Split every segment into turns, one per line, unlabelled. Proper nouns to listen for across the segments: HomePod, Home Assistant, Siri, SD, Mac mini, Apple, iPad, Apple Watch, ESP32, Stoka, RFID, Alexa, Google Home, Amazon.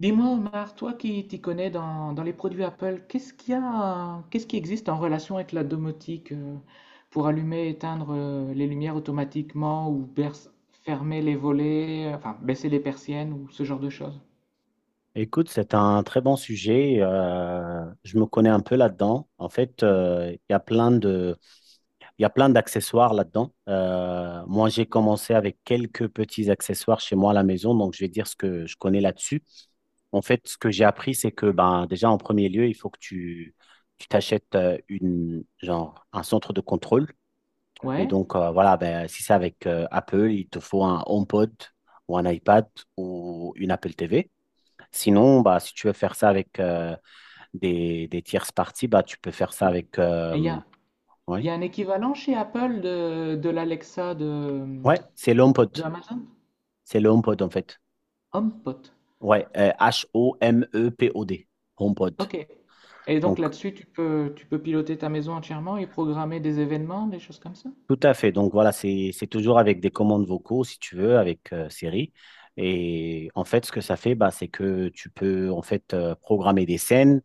Dis-moi, Omar, toi qui t'y connais dans les produits Apple, qu'est-ce qu'il y a, qu'est-ce qui existe en relation avec la domotique, pour allumer et éteindre les lumières automatiquement ou fermer les volets, enfin baisser les persiennes ou ce genre de choses?
Écoute, c'est un très bon sujet. Je me connais un peu là-dedans. En fait, il y a plein de, il y a plein d'accessoires là-dedans. Moi, j'ai commencé avec quelques petits accessoires chez moi à la maison, donc je vais dire ce que je connais là-dessus. En fait, ce que j'ai appris, c'est que ben, déjà en premier lieu, il faut que tu t'achètes genre, un centre de contrôle. Et
Ouais.
donc, voilà, ben, si c'est avec Apple, il te faut un HomePod ou un iPad ou une Apple TV. Sinon, bah, si tu veux faire ça avec, des tierces parties, bah, tu peux faire ça
Et
avec.
et
euh,
il
ouais.
y a un équivalent chez Apple de l'Alexa
Ouais, c'est l'HomePod.
de Amazon?
C'est le HomePod, en fait.
HomePod.
Ouais, H-O-M-E-P-O-D. HomePod.
Ok. Et donc
Donc,
là-dessus, tu peux piloter ta maison entièrement et programmer des événements, des choses comme ça?
tout à fait. Donc, voilà, c'est toujours avec des commandes vocaux, si tu veux, avec Siri. Et en fait, ce que ça fait, bah, c'est que tu peux en fait programmer des scènes.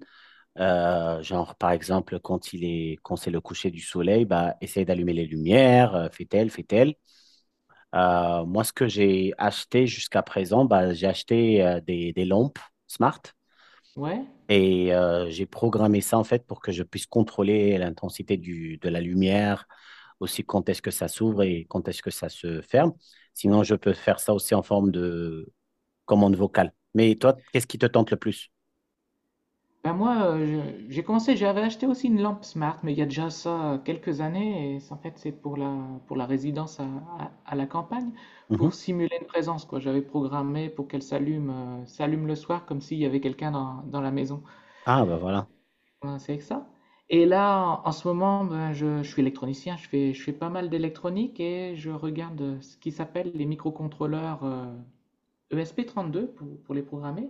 Genre, par exemple, quand quand c'est le coucher du soleil, bah, essaye d'allumer les lumières, fais-elle, fais-elle. Moi, ce que j'ai acheté jusqu'à présent, bah, j'ai acheté des lampes smart
Ouais.
et j'ai programmé ça en fait pour que je puisse contrôler l'intensité de la lumière, aussi quand est-ce que ça s'ouvre et quand est-ce que ça se ferme. Sinon, je peux faire ça aussi en forme de commande vocale. Mais toi, qu'est-ce qui te tente le plus?
Ben moi, j'ai commencé, j'avais acheté aussi une lampe smart, mais il y a déjà ça quelques années, et en fait c'est pour pour la résidence à la campagne,
Mhm.
pour simuler une présence, quoi. J'avais programmé pour qu'elle s'allume le soir, comme s'il y avait quelqu'un dans la maison.
Ah, bah voilà.
Voilà, c'est avec ça. Et là, en ce moment, ben, je suis électronicien, je fais pas mal d'électronique, et je regarde ce qui s'appelle les microcontrôleurs ESP32 pour les programmer.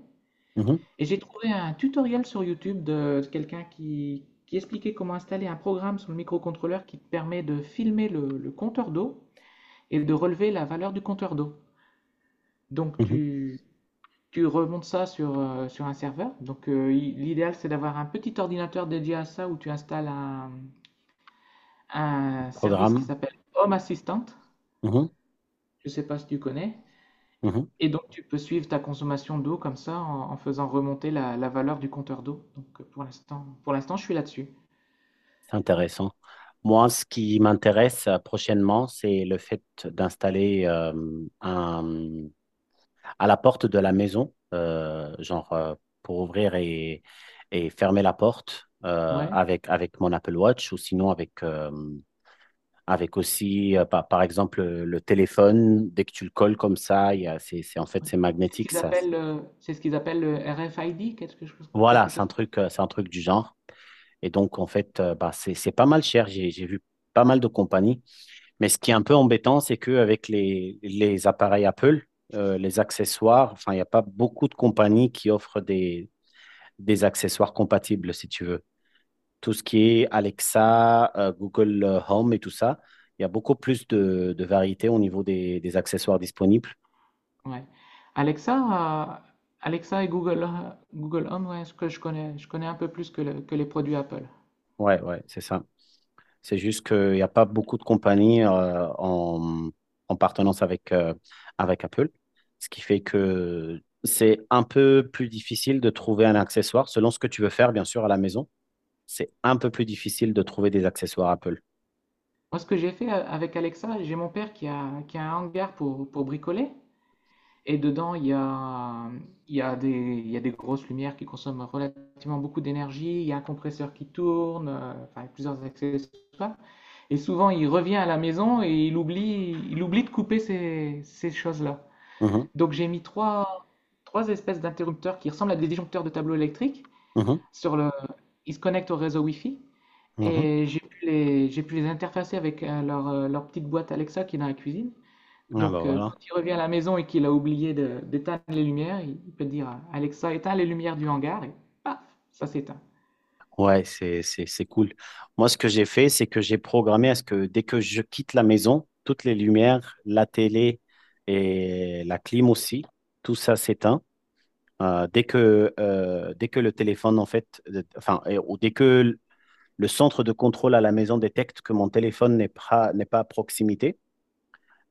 Mhm,
Et j'ai trouvé un tutoriel sur YouTube de quelqu'un qui expliquait comment installer un programme sur le microcontrôleur qui te permet de filmer le compteur d'eau et de relever la valeur du compteur d'eau. Donc
mhm.
tu, tu remontes ça sur, sur un serveur. Donc l'idéal c'est d'avoir un petit ordinateur dédié à ça où tu installes un service qui
Programme.
s'appelle Home Assistant.
Mhm,
Je ne sais pas si tu connais.
mhm.
Et donc tu peux suivre ta consommation d'eau comme ça en faisant remonter la valeur du compteur d'eau. Donc pour l'instant je suis là-dessus.
C'est intéressant. Moi, ce qui m'intéresse prochainement, c'est le fait d'installer un, à la porte de la maison, genre pour ouvrir et fermer la porte
Ouais.
avec mon Apple Watch ou sinon avec aussi, par exemple, le téléphone. Dès que tu le colles comme ça, il y a- c'est- en fait,
Ouais.
c'est
C'est ce
magnétique.
qu'ils
Ça.
appellent, c'est ce qu'ils appellent le RFID, quelque chose,
Voilà,
quelque chose.
c'est un truc du genre. Et donc, en fait, bah, c'est pas mal cher. J'ai vu pas mal de compagnies. Mais ce qui est un peu embêtant, c'est qu'avec les appareils Apple, les accessoires, enfin, il n'y a pas beaucoup de compagnies qui offrent des accessoires compatibles, si tu veux. Tout ce qui est Alexa, Google Home et tout ça, il y a beaucoup plus de variété au niveau des accessoires disponibles.
Ouais. Alexa, Alexa et Google, Google Home, ouais, ce que je connais un peu plus que, que les produits Apple.
Ouais, ouais, c'est ça. C'est juste qu'il n'y a pas beaucoup de compagnies en partenance avec Apple, ce qui fait que c'est un peu plus difficile de trouver un accessoire, selon ce que tu veux faire, bien sûr, à la maison. C'est un peu plus difficile de trouver des accessoires Apple.
Moi, ce que j'ai fait avec Alexa, j'ai mon père qui a un hangar pour bricoler. Et dedans, il y a des grosses lumières qui consomment relativement beaucoup d'énergie, il y a un compresseur qui tourne, enfin, il y a plusieurs accessoires. Et souvent, il revient à la maison et il oublie de couper ces choses-là.
Mhm,
Donc, j'ai mis trois espèces d'interrupteurs qui ressemblent à des disjoncteurs de tableau électrique.
mhm,
Sur le, Ils se connectent au réseau Wi-Fi
mhm.
et j'ai pu les interfacer avec leur petite boîte Alexa qui est dans la cuisine.
Ah bah
Donc, quand
voilà.
il revient à la maison et qu'il a oublié d'éteindre les lumières, il peut dire Alexa, éteins les lumières du hangar et paf, ça s'éteint.
Ouais, c'est cool. Moi, ce que j'ai fait, c'est que j'ai programmé à ce que dès que je quitte la maison, toutes les lumières, la télé et la clim aussi, tout ça s'éteint. Dès que le téléphone, en fait, enfin, et- ou dès que l- le centre de contrôle à la maison détecte que mon téléphone n'est pas à proximité,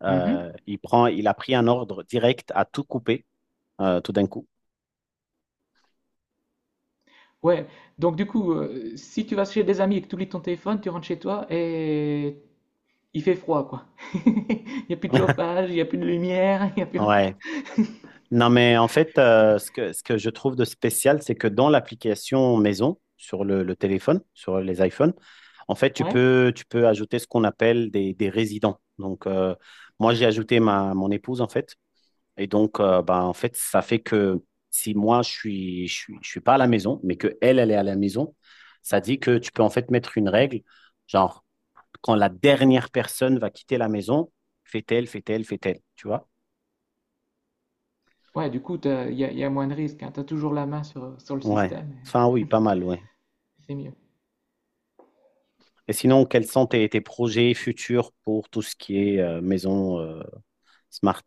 Mhm.
il a pris un ordre direct à tout couper, tout d'un coup.
Ouais, donc du coup, si tu vas chez des amis et que tu oublies ton téléphone, tu rentres chez toi et il fait froid, quoi. Il n'y a plus de chauffage, il n'y a plus de lumière, il n'y a plus rien.
Ouais. Non, mais en fait, ce que je trouve de spécial, c'est que dans l'application maison, sur le téléphone, sur les iPhones, en fait, tu
Ouais,
peux, tu peux ajouter ce qu'on appelle des résidents. Donc, moi, j'ai ajouté mon épouse, en fait. Et donc, bah, en fait, ça fait que si moi, je suis pas à la maison, mais que elle, elle est à la maison, ça dit que tu peux en fait mettre une règle, genre, quand la dernière personne va quitter la maison, fait-elle, fait-elle, fait-elle, tu vois?
ouais, du coup, il y a moins de risques, hein. Tu as toujours la main sur le
Ouais.
système,
Enfin, oui, pas mal, ouais.
et c'est mieux.
Et sinon, quels sont tes projets futurs pour tout ce qui est maison smart?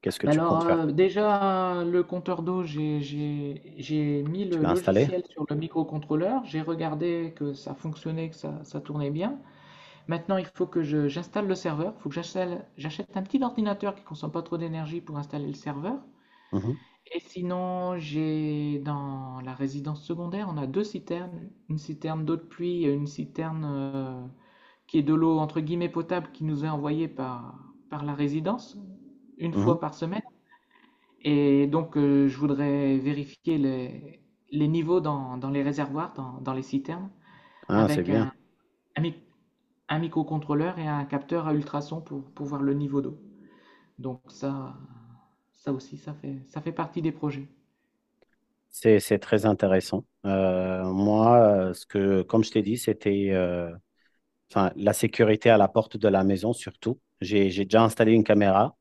Qu'est-ce que tu
Alors,
comptes faire?
déjà, le compteur d'eau, j'ai mis
Tu
le
l'as installé?
logiciel sur le microcontrôleur, j'ai regardé que ça fonctionnait, ça tournait bien. Maintenant, il faut que j'installe le serveur, il faut que j'achète un petit ordinateur qui consomme pas trop d'énergie pour installer le serveur.
Mhm,
Et sinon, j'ai dans la résidence secondaire, on a deux citernes, une citerne d'eau de pluie et une citerne qui est de l'eau entre guillemets potable qui nous est envoyée par la résidence une
mhm.
fois par semaine. Et donc, je voudrais vérifier les niveaux dans les réservoirs, dans les citernes,
Ah, c'est
avec
bien.
un, mic- un microcontrôleur et un capteur à ultrasons pour voir le niveau d'eau. Donc ça, ça aussi, ça fait partie des projets.
C'est très intéressant. Moi, comme je t'ai dit, c'était enfin, la sécurité à la porte de la maison surtout. J'ai déjà installé une caméra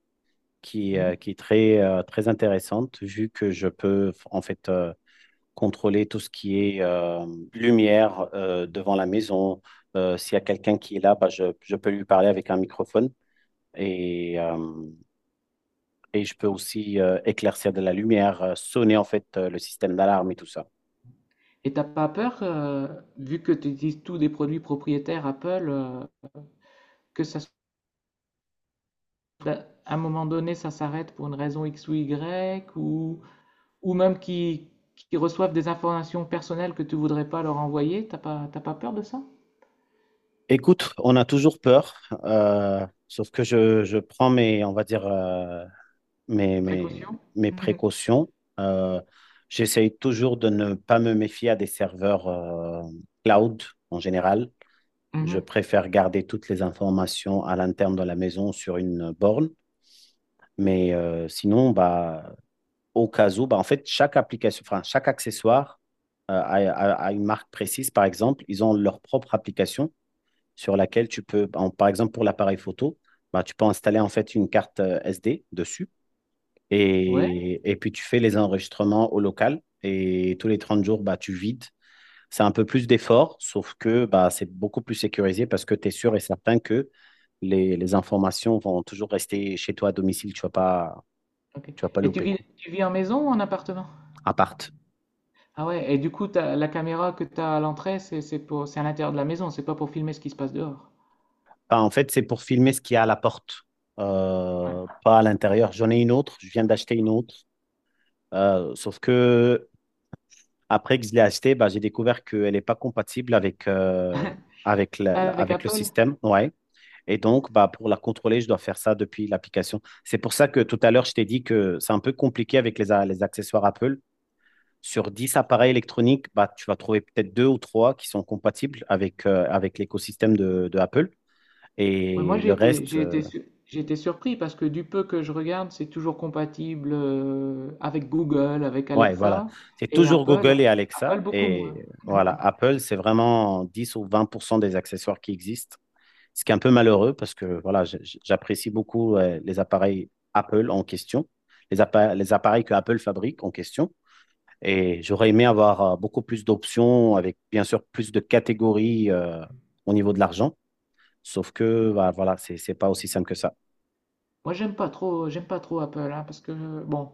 qui, euh,
Mhm.
qui est très, très intéressante vu que je peux en fait contrôler tout ce qui est lumière devant la maison. S'il y a quelqu'un qui est là, bah, je peux lui parler avec un microphone et, euh, et je peux aussi éclaircir de la lumière, sonner en fait le système d'alarme et tout ça.
Et t'as pas peur, vu que tu utilises tous des produits propriétaires Apple, que ça, à un moment donné, ça s'arrête pour une raison X ou Y, ou ou même qui reçoivent des informations personnelles que tu voudrais pas leur envoyer, t'as pas peur de ça?
Écoute, on a toujours peur, sauf que je prends mes, on va dire, mes, mes,
Précaution?
mes précautions. Euh, j'essaye toujours de ne pas me méfier à des serveurs cloud en général. Je
Mhm.
préfère garder toutes les informations à l'interne de la maison sur une borne. Mais sinon, bah, au cas où, bah, en fait, chaque application, enfin, chaque accessoire a une marque précise, par exemple, ils ont leur propre application sur laquelle tu peux, par exemple, pour l'appareil photo, bah, tu peux installer en fait une carte SD dessus
Ouais,
et puis tu fais les enregistrements au local et tous les 30 jours, bah, tu vides. C'est un peu plus d'effort, sauf que bah, c'est beaucoup plus sécurisé parce que tu es sûr et certain que les informations vont toujours rester chez toi à domicile. Tu ne vas, pas-
ok.
tu vas pas
Et
louper, quoi.
tu vis en maison ou en appartement?
À part.
Ah ouais, et du coup, la caméra que tu as à l'entrée, c'est à l'intérieur de la maison, c'est pas pour filmer ce qui se passe dehors.
Bah, en fait, c'est pour filmer ce qu'il y a à la porte,
Ouais.
pas à l'intérieur. J'en ai une autre, je viens d'acheter une autre. Sauf que après que je l'ai achetée, bah, j'ai découvert qu'elle n'est pas compatible avec, euh, avec, la- la-
Avec
avec le
Apple?
système. Ouais. Et donc, bah, pour la contrôler, je dois faire ça depuis l'application. C'est pour ça que tout à l'heure, je t'ai dit que c'est un peu compliqué avec les accessoires Apple. Sur 10 appareils électroniques, bah, tu vas trouver peut-être deux ou trois qui sont compatibles avec l'écosystème de Apple.
Ouais, moi
Et
j'ai
le
été,
reste,
j'ai été, sur- j'ai été surpris parce que du peu que je regarde, c'est toujours compatible avec Google, avec
ouais, voilà.
Alexa
C'est
et
toujours
Apple,
Google et
Apple
Alexa.
beaucoup moins.
Et voilà, Apple, c'est vraiment 10 ou 20% des accessoires qui existent. Ce qui est un peu malheureux parce que voilà, j'apprécie beaucoup ouais, les appareils Apple en question, les appareils que Apple fabrique en question. Et j'aurais aimé avoir beaucoup plus d'options avec bien sûr plus de catégories au niveau de l'argent. Sauf que, bah, voilà, c'est pas aussi simple que ça.
Moi, j'aime pas trop Apple, hein, parce que bon,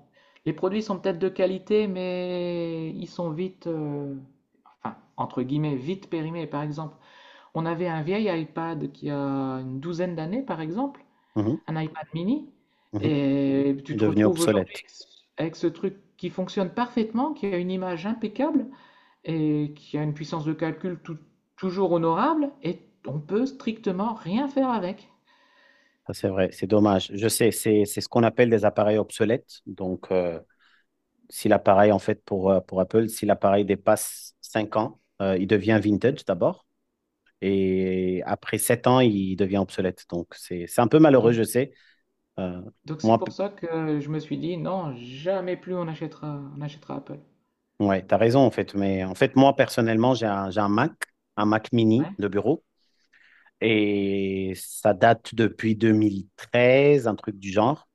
les produits sont peut-être de qualité, mais ils sont vite, enfin, entre guillemets, vite périmés. Par exemple, on avait un vieil iPad qui a une douzaine d'années, par exemple,
Mhm,
un iPad mini,
mhm.
et
Est
tu te
devenu
retrouves aujourd'hui
obsolète.
avec ce truc qui fonctionne parfaitement, qui a une image impeccable et qui a une puissance de calcul toujours honorable, et on peut strictement rien faire avec.
Ça, c'est vrai. C'est dommage. Je sais, c'est ce qu'on appelle des appareils obsolètes. Donc, si l'appareil, en fait, pour Apple, si l'appareil dépasse 5 ans, il devient vintage d'abord. Et après 7 ans, il devient obsolète. Donc, c'est un peu malheureux,
Donc
je sais. Euh,
Donc c'est
moi,
pour ça que je me suis dit non, jamais plus on achètera Apple.
ouais, tu as raison, en fait. Mais en fait, moi, personnellement, j'ai un, Mac, un Mac mini
Ouais.
de bureau. Et ça date depuis 2013, un truc du genre.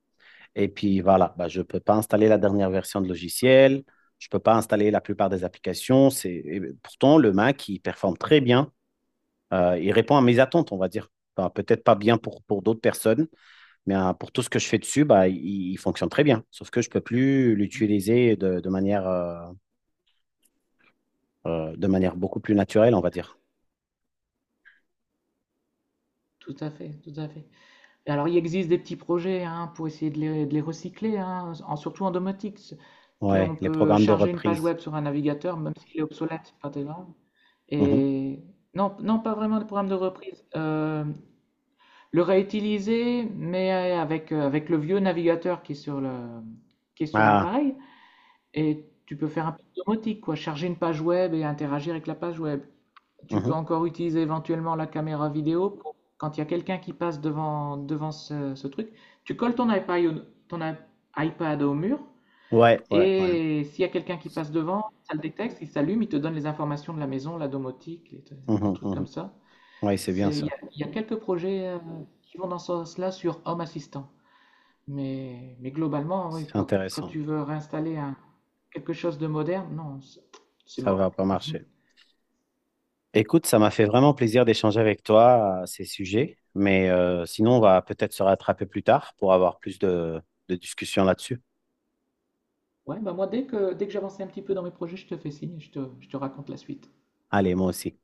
Et puis voilà, bah, je ne peux pas installer la dernière version de logiciel. Je ne peux pas installer la plupart des applications. Et pourtant, le Mac, il performe très bien. Il répond à mes attentes, on va dire. Enfin, peut-être pas bien pour d'autres personnes. Mais pour tout ce que je fais dessus, bah, il fonctionne très bien. Sauf que je peux plus
Mhm.
l'utiliser de manière beaucoup plus naturelle, on va dire.
Tout à fait, tout à fait. Et alors il existe des petits projets hein, pour essayer de les recycler, hein, surtout en domotique.
Ouais,
On
les
peut
programmes de
charger une page
reprise.
web sur un navigateur, même s'il est obsolète, c'est pas très grave.
Mhm.
Et non, non, pas vraiment de programme de reprise. Le réutiliser, mais avec le vieux navigateur qui est qui est sur
Ah,
l'appareil. Et tu peux faire un peu de domotique, quoi, charger une page web et interagir avec la page web. Tu peux
mhm.
encore utiliser éventuellement la caméra vidéo quand il y a quelqu'un qui passe devant, ce truc. Tu colles ton iPad, au- ton i- iPad au mur
Ouais, ouais, ouais.
et s'il y a quelqu'un qui passe devant, ça le détecte, il s'allume, il te donne les informations de la maison, la domotique, les
Mhm,
trucs comme
mhm.
ça.
Ouais, c'est bien
C'est,
ça.
il y a quelques projets qui vont dans ce sens-là sur Home Assistant. Mais globalement, oui,
C'est
quand
intéressant.
tu veux réinstaller quelque chose de moderne, non, c'est
Ça va
mort.
pas marcher. Écoute, ça m'a fait vraiment plaisir d'échanger avec toi à ces sujets. Mais sinon, on va peut-être se rattraper plus tard pour avoir plus de discussions là-dessus.
Ouais, bah moi, dès que j'avance un petit peu dans mes projets, je te fais signe et je te raconte la suite.
Allez, moi aussi.